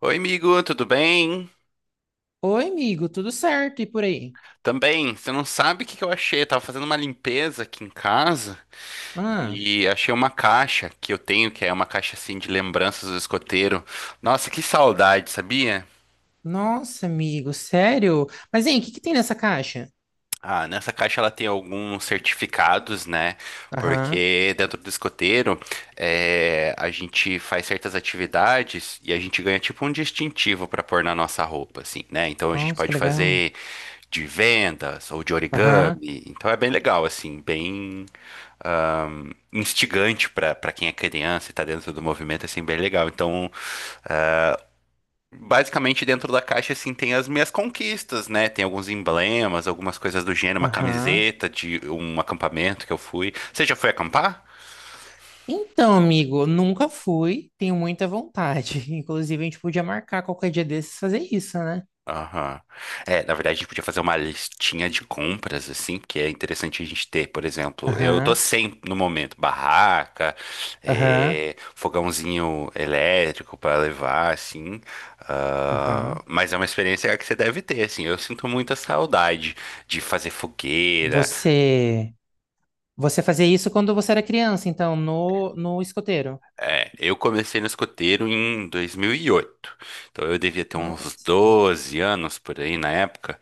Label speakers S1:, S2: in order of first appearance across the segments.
S1: Oi, amigo, tudo bem?
S2: Oi, amigo, tudo certo? E por aí?
S1: Também, você não sabe o que que eu achei? Eu tava fazendo uma limpeza aqui em casa
S2: Ah,
S1: e achei uma caixa que eu tenho, que é uma caixa assim de lembranças do escoteiro. Nossa, que saudade, sabia?
S2: nossa, amigo, sério? Mas, hein, o que que tem nessa caixa?
S1: Ah, nessa caixa ela tem alguns certificados, né?
S2: Aham.
S1: Porque dentro do escoteiro a gente faz certas atividades e a gente ganha tipo um distintivo para pôr na nossa roupa, assim, né? Então a gente
S2: Nossa, que
S1: pode
S2: legal.
S1: fazer de vendas ou de
S2: Aham,
S1: origami. Então é bem legal, assim, bem instigante para quem é criança e tá dentro do movimento, assim, bem legal. Então, basicamente dentro da caixa, assim, tem as minhas conquistas, né? Tem alguns emblemas, algumas coisas do gênero, uma
S2: aham.
S1: camiseta de um acampamento que eu fui. Você já foi acampar?
S2: Então, amigo, nunca fui, tenho muita vontade. Inclusive, a gente podia marcar qualquer dia desses fazer isso, né?
S1: Aham. É, na verdade, a gente podia fazer uma listinha de compras, assim, que é interessante a gente ter. Por exemplo, eu tô
S2: Aham,
S1: sem, no momento, barraca,
S2: aham,
S1: é, fogãozinho elétrico para levar, assim.
S2: aham.
S1: Ah, mas é uma experiência que você deve ter, assim. Eu sinto muita saudade de fazer fogueira.
S2: Você, você fazia isso quando você era criança, então, no escoteiro.
S1: É, eu comecei no escoteiro em 2008, então eu devia ter uns
S2: Nossa,
S1: 12 anos por aí na época.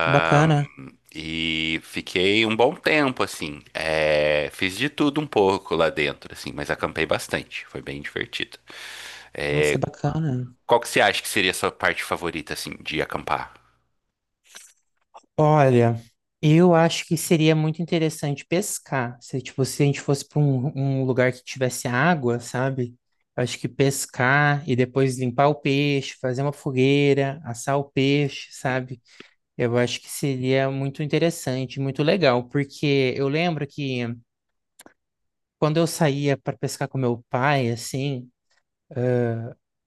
S2: que bacana.
S1: e fiquei um bom tempo, assim. É, fiz de tudo um pouco lá dentro, assim, mas acampei bastante, foi bem divertido.
S2: Nossa, que
S1: É,
S2: bacana.
S1: qual que você acha que seria a sua parte favorita, assim, de acampar?
S2: Olha, eu acho que seria muito interessante pescar. Se, tipo, se a gente fosse para um lugar que tivesse água, sabe? Eu acho que pescar e depois limpar o peixe, fazer uma fogueira, assar o peixe, sabe? Eu acho que seria muito interessante, muito legal, porque eu lembro que quando eu saía para pescar com meu pai, assim,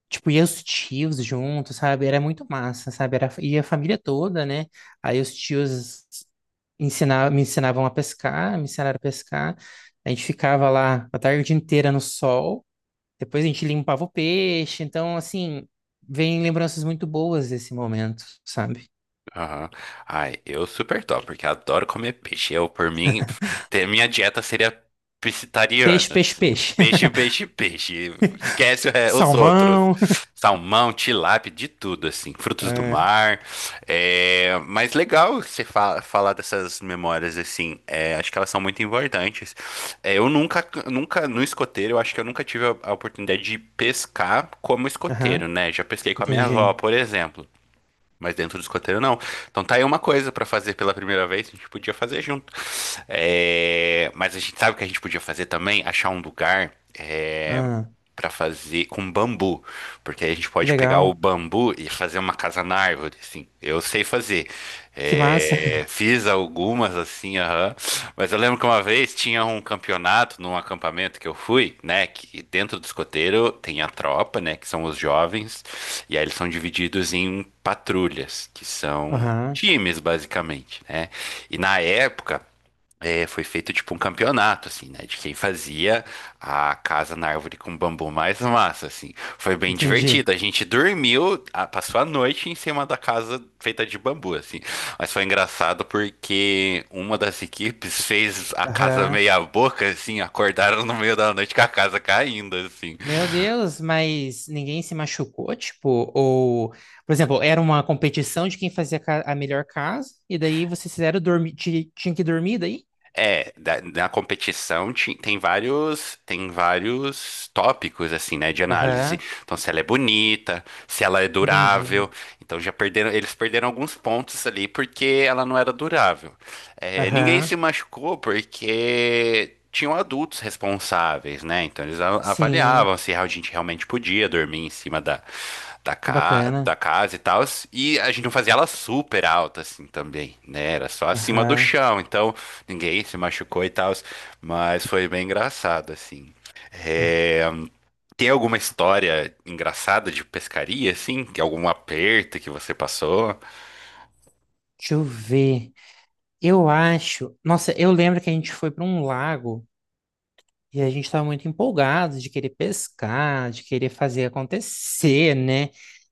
S2: tipo, ia os tios juntos, sabe? Era muito massa, sabe? Era, ia a família toda, né? Aí os tios. Me ensinavam a pescar, me ensinaram a pescar. A gente ficava lá a tarde inteira no sol. Depois a gente limpava o peixe. Então, assim, vem lembranças muito boas desse momento, sabe?
S1: Aham. Ai, eu super top, porque adoro comer peixe. Eu, por mim, ter minha dieta seria pescetariana,
S2: Peixe, peixe,
S1: assim,
S2: peixe.
S1: peixe, peixe, peixe. Esquece o os outros.
S2: Salmão.
S1: Salmão, tilápia, de tudo, assim, frutos do
S2: É.
S1: mar. É, mas legal você fa falar dessas memórias, assim, é, acho que elas são muito importantes. É, eu nunca, nunca, no escoteiro, eu acho que eu nunca tive a oportunidade de pescar como escoteiro,
S2: Aham,
S1: né? Já pesquei com a minha avó,
S2: entendi.
S1: por exemplo. Mas dentro do escoteiro, não. Então tá aí uma coisa pra fazer pela primeira vez, a gente podia fazer junto. É, mas a gente sabe o que a gente podia fazer também? Achar um lugar
S2: Ah,
S1: pra fazer com bambu, porque aí a gente
S2: que
S1: pode pegar o
S2: legal.
S1: bambu e fazer uma casa na árvore, assim. Eu sei fazer.
S2: Que massa.
S1: É, fiz algumas assim, aham. Mas eu lembro que uma vez tinha um campeonato num acampamento que eu fui, né? Que dentro do escoteiro tem a tropa, né? Que são os jovens, e aí eles são divididos em patrulhas, que são
S2: Aham,
S1: times, basicamente, né? E na época, é, foi feito tipo um campeonato, assim, né? De quem fazia a casa na árvore com bambu mais massa, assim. Foi bem
S2: entendi.
S1: divertido. A gente dormiu, passou a noite em cima da casa feita de bambu, assim. Mas foi engraçado porque uma das equipes fez a casa
S2: Aham.
S1: meia boca, assim, acordaram no meio da noite com a casa caindo, assim.
S2: Meu Deus, mas ninguém se machucou, tipo, ou, por exemplo, era uma competição de quem fazia a melhor casa, e daí vocês fizeram dormir, tinha que dormir daí?
S1: É, na competição tem vários tópicos assim, né, de análise.
S2: Aham,
S1: Então, se ela é bonita, se ela é
S2: entendi.
S1: durável. Então, já perderam, eles perderam alguns pontos ali porque ela não era durável. É, ninguém se
S2: Aham,
S1: machucou porque tinham adultos responsáveis, né? Então, eles
S2: sim,
S1: avaliavam se a gente realmente podia dormir em cima da, da,
S2: que
S1: ca, da
S2: bacana.
S1: casa e tal. E a gente não fazia ela super alta assim também, né? Era só acima do
S2: Aham.
S1: chão. Então ninguém se machucou e tal, mas foi bem engraçado, assim.
S2: Ah,
S1: É, tem alguma história engraçada de pescaria, assim? Tem algum aperto que você passou?
S2: deixa eu ver. Eu acho, nossa, eu lembro que a gente foi para um lago. E a gente estava muito empolgado de querer pescar, de querer fazer acontecer, né?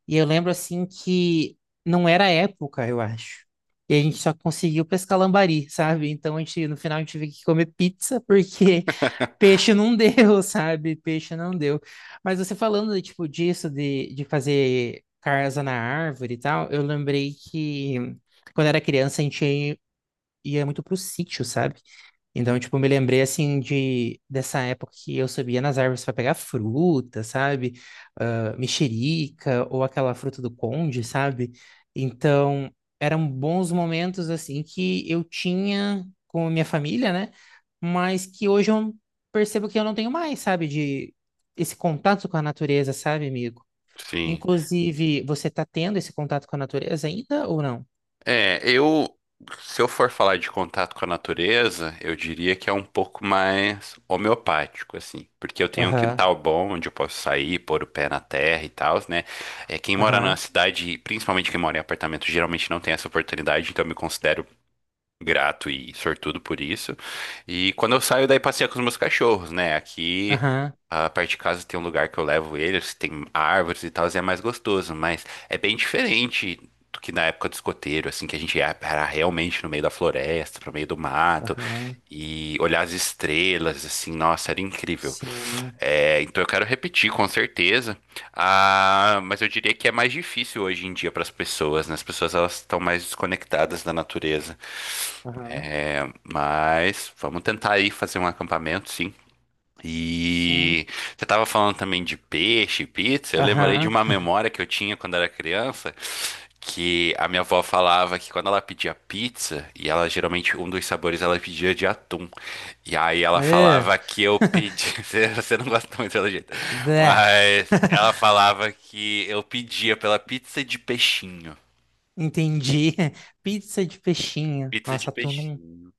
S2: E eu lembro assim que não era a época, eu acho. E a gente só conseguiu pescar lambari, sabe? Então a gente, no final a gente teve que comer pizza porque peixe não deu, sabe? Peixe não deu. Mas você falando tipo disso de fazer casa na árvore e tal, eu lembrei que quando era criança a gente ia muito pro sítio, sabe? Então, tipo, me lembrei assim de dessa época que eu subia nas árvores para pegar fruta, sabe? Ah, mexerica ou aquela fruta do conde, sabe? Então, eram bons momentos assim que eu tinha com a minha família, né? Mas que hoje eu percebo que eu não tenho mais, sabe? De esse contato com a natureza, sabe, amigo?
S1: Sim.
S2: Inclusive, você tá tendo esse contato com a natureza ainda ou não?
S1: É, eu, se eu for falar de contato com a natureza, eu diria que é um pouco mais homeopático, assim, porque eu tenho um
S2: Aham,
S1: quintal bom onde eu posso sair, pôr o pé na terra e tal, né? É, quem mora na
S2: aham,
S1: cidade, principalmente quem mora em apartamento, geralmente não tem essa oportunidade, então eu me considero grato e sortudo por isso. E quando eu saio daí passeio com os meus cachorros, né? Aqui
S2: aham,
S1: a parte de casa tem um lugar que eu levo eles, tem árvores e tal, e é mais gostoso, mas é bem diferente do que na época do escoteiro, assim, que era realmente no meio da floresta, pro meio do mato.
S2: aham.
S1: E olhar as estrelas, assim, nossa, era incrível.
S2: Sim.
S1: É, então eu quero repetir, com certeza. Ah, mas eu diria que é mais difícil hoje em dia para as pessoas, né? As pessoas elas estão mais desconectadas da natureza.
S2: Aham.
S1: É, mas vamos tentar aí fazer um acampamento, sim.
S2: Sim.
S1: E você estava falando também de peixe, pizza. Eu lembrei de
S2: Aham.
S1: uma memória que eu tinha quando era criança, que a minha avó falava que quando ela pedia pizza, e ela geralmente um dos sabores ela pedia de atum. E aí ela
S2: É.
S1: falava que eu pedi, você não gosta muito pelo jeito,
S2: Bé.
S1: mas ela falava que eu pedia pela pizza de peixinho.
S2: Entendi. Pizza de peixinho.
S1: Pizza de
S2: Nossa, atum não.
S1: peixinho.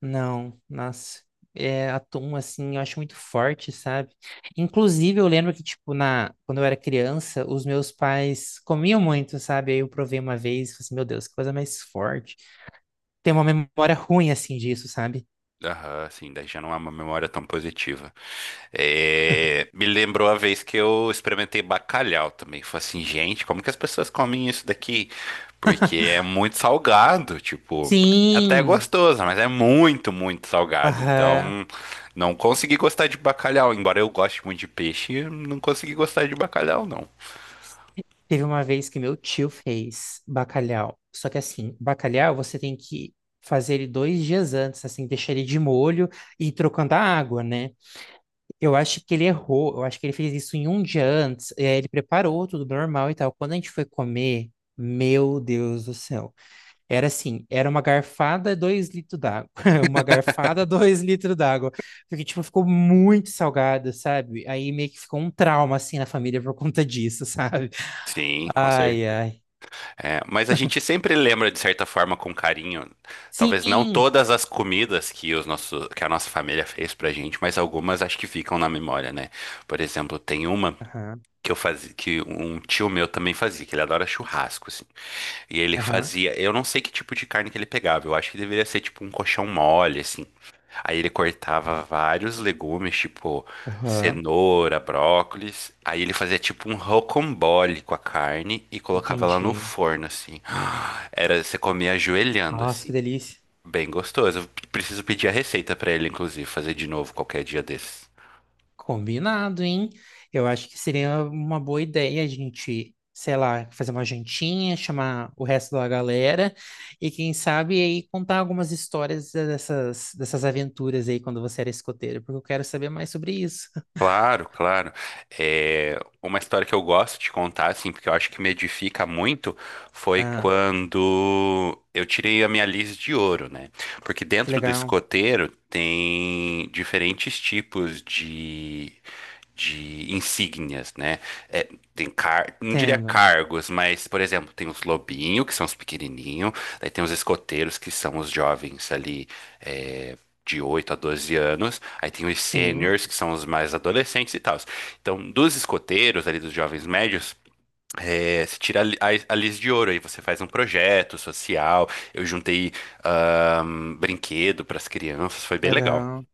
S2: Não, nossa. É, atum, assim, eu acho muito forte, sabe? Inclusive, eu lembro que, tipo, quando eu era criança, os meus pais comiam muito, sabe? Aí eu provei uma vez e falei assim, meu Deus, que coisa mais forte. Tem uma memória ruim, assim, disso, sabe?
S1: Aham, sim, daí já não é uma memória tão positiva. É, me lembrou a vez que eu experimentei bacalhau também. Falei assim, gente, como que as pessoas comem isso daqui? Porque é muito salgado, tipo, até é
S2: Sim!
S1: gostoso, mas é muito, muito salgado.
S2: Aham.
S1: Então, não consegui gostar de bacalhau. Embora eu goste muito de peixe, não consegui gostar de bacalhau, não.
S2: Teve uma vez que meu tio fez bacalhau. Só que assim, bacalhau você tem que fazer ele 2 dias antes, assim, deixar ele de molho e ir trocando a água, né? Eu acho que ele errou, eu acho que ele fez isso em um dia antes. E aí ele preparou tudo normal e tal. Quando a gente foi comer, meu Deus do céu. Era assim, era uma garfada, 2 litros d'água. Uma garfada, dois litros d'água. Porque, tipo, ficou muito salgado, sabe? Aí meio que ficou um trauma, assim, na família por conta disso, sabe?
S1: Sim, com
S2: Ai,
S1: certeza.
S2: ai.
S1: É, mas a gente sempre lembra de certa forma com carinho. Talvez não
S2: Sim!
S1: todas as comidas que que a nossa família fez pra gente, mas algumas acho que ficam na memória, né? Por exemplo, tem uma
S2: Aham,
S1: que eu fazia, que um tio meu também fazia, que ele adora churrasco, assim. E ele
S2: aham,
S1: fazia, eu não sei que tipo de carne que ele pegava, eu acho que deveria ser tipo um colchão mole, assim. Aí ele cortava vários legumes, tipo
S2: aham.
S1: cenoura, brócolis. Aí ele fazia tipo um rocambole com a carne e colocava lá no
S2: Entendi.
S1: forno, assim. Era, você comia ajoelhando,
S2: Nossa, que
S1: assim.
S2: delícia.
S1: Bem gostoso. Eu preciso pedir a receita pra ele, inclusive, fazer de novo qualquer dia desses.
S2: Combinado, hein? Eu acho que seria uma boa ideia a gente, sei lá, fazer uma jantinha, chamar o resto da galera e quem sabe aí contar algumas histórias dessas, dessas aventuras aí quando você era escoteiro, porque eu quero saber mais sobre isso.
S1: Claro, claro. É, uma história que eu gosto de contar, assim, porque eu acho que me edifica muito, foi
S2: Ah,
S1: quando eu tirei a minha lis de ouro, né? Porque
S2: que
S1: dentro do
S2: legal.
S1: escoteiro tem diferentes tipos de insígnias, né? É, tem não diria
S2: Entendo.
S1: cargos, mas, por exemplo, tem os lobinhos, que são os pequenininhos, daí tem os escoteiros, que são os jovens ali, é, de 8 a 12 anos, aí tem os
S2: Sim,
S1: seniors, que são os mais adolescentes e tal. Então, dos escoteiros, ali dos jovens médios, é, se tira a lis de ouro, aí você faz um projeto social. Eu juntei brinquedo para as crianças, foi bem legal.
S2: legal.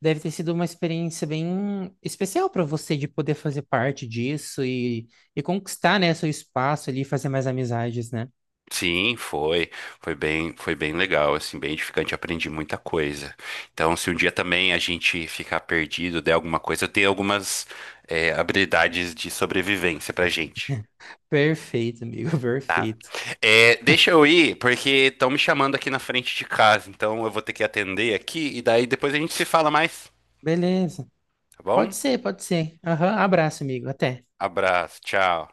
S2: Deve ter sido uma experiência bem especial para você de poder fazer parte disso e conquistar, né, seu espaço ali e fazer mais amizades, né?
S1: Sim, foi, foi bem legal, assim, bem edificante, aprendi muita coisa. Então, se um dia também a gente ficar perdido, der alguma coisa, eu tenho algumas, é, habilidades de sobrevivência pra gente.
S2: Perfeito, amigo,
S1: Tá.
S2: perfeito.
S1: É, deixa eu ir, porque estão me chamando aqui na frente de casa, então eu vou ter que atender aqui e daí depois a gente se fala mais,
S2: Beleza.
S1: tá bom?
S2: Pode ser, pode ser. Aham, abraço, amigo. Até.
S1: Abraço, tchau.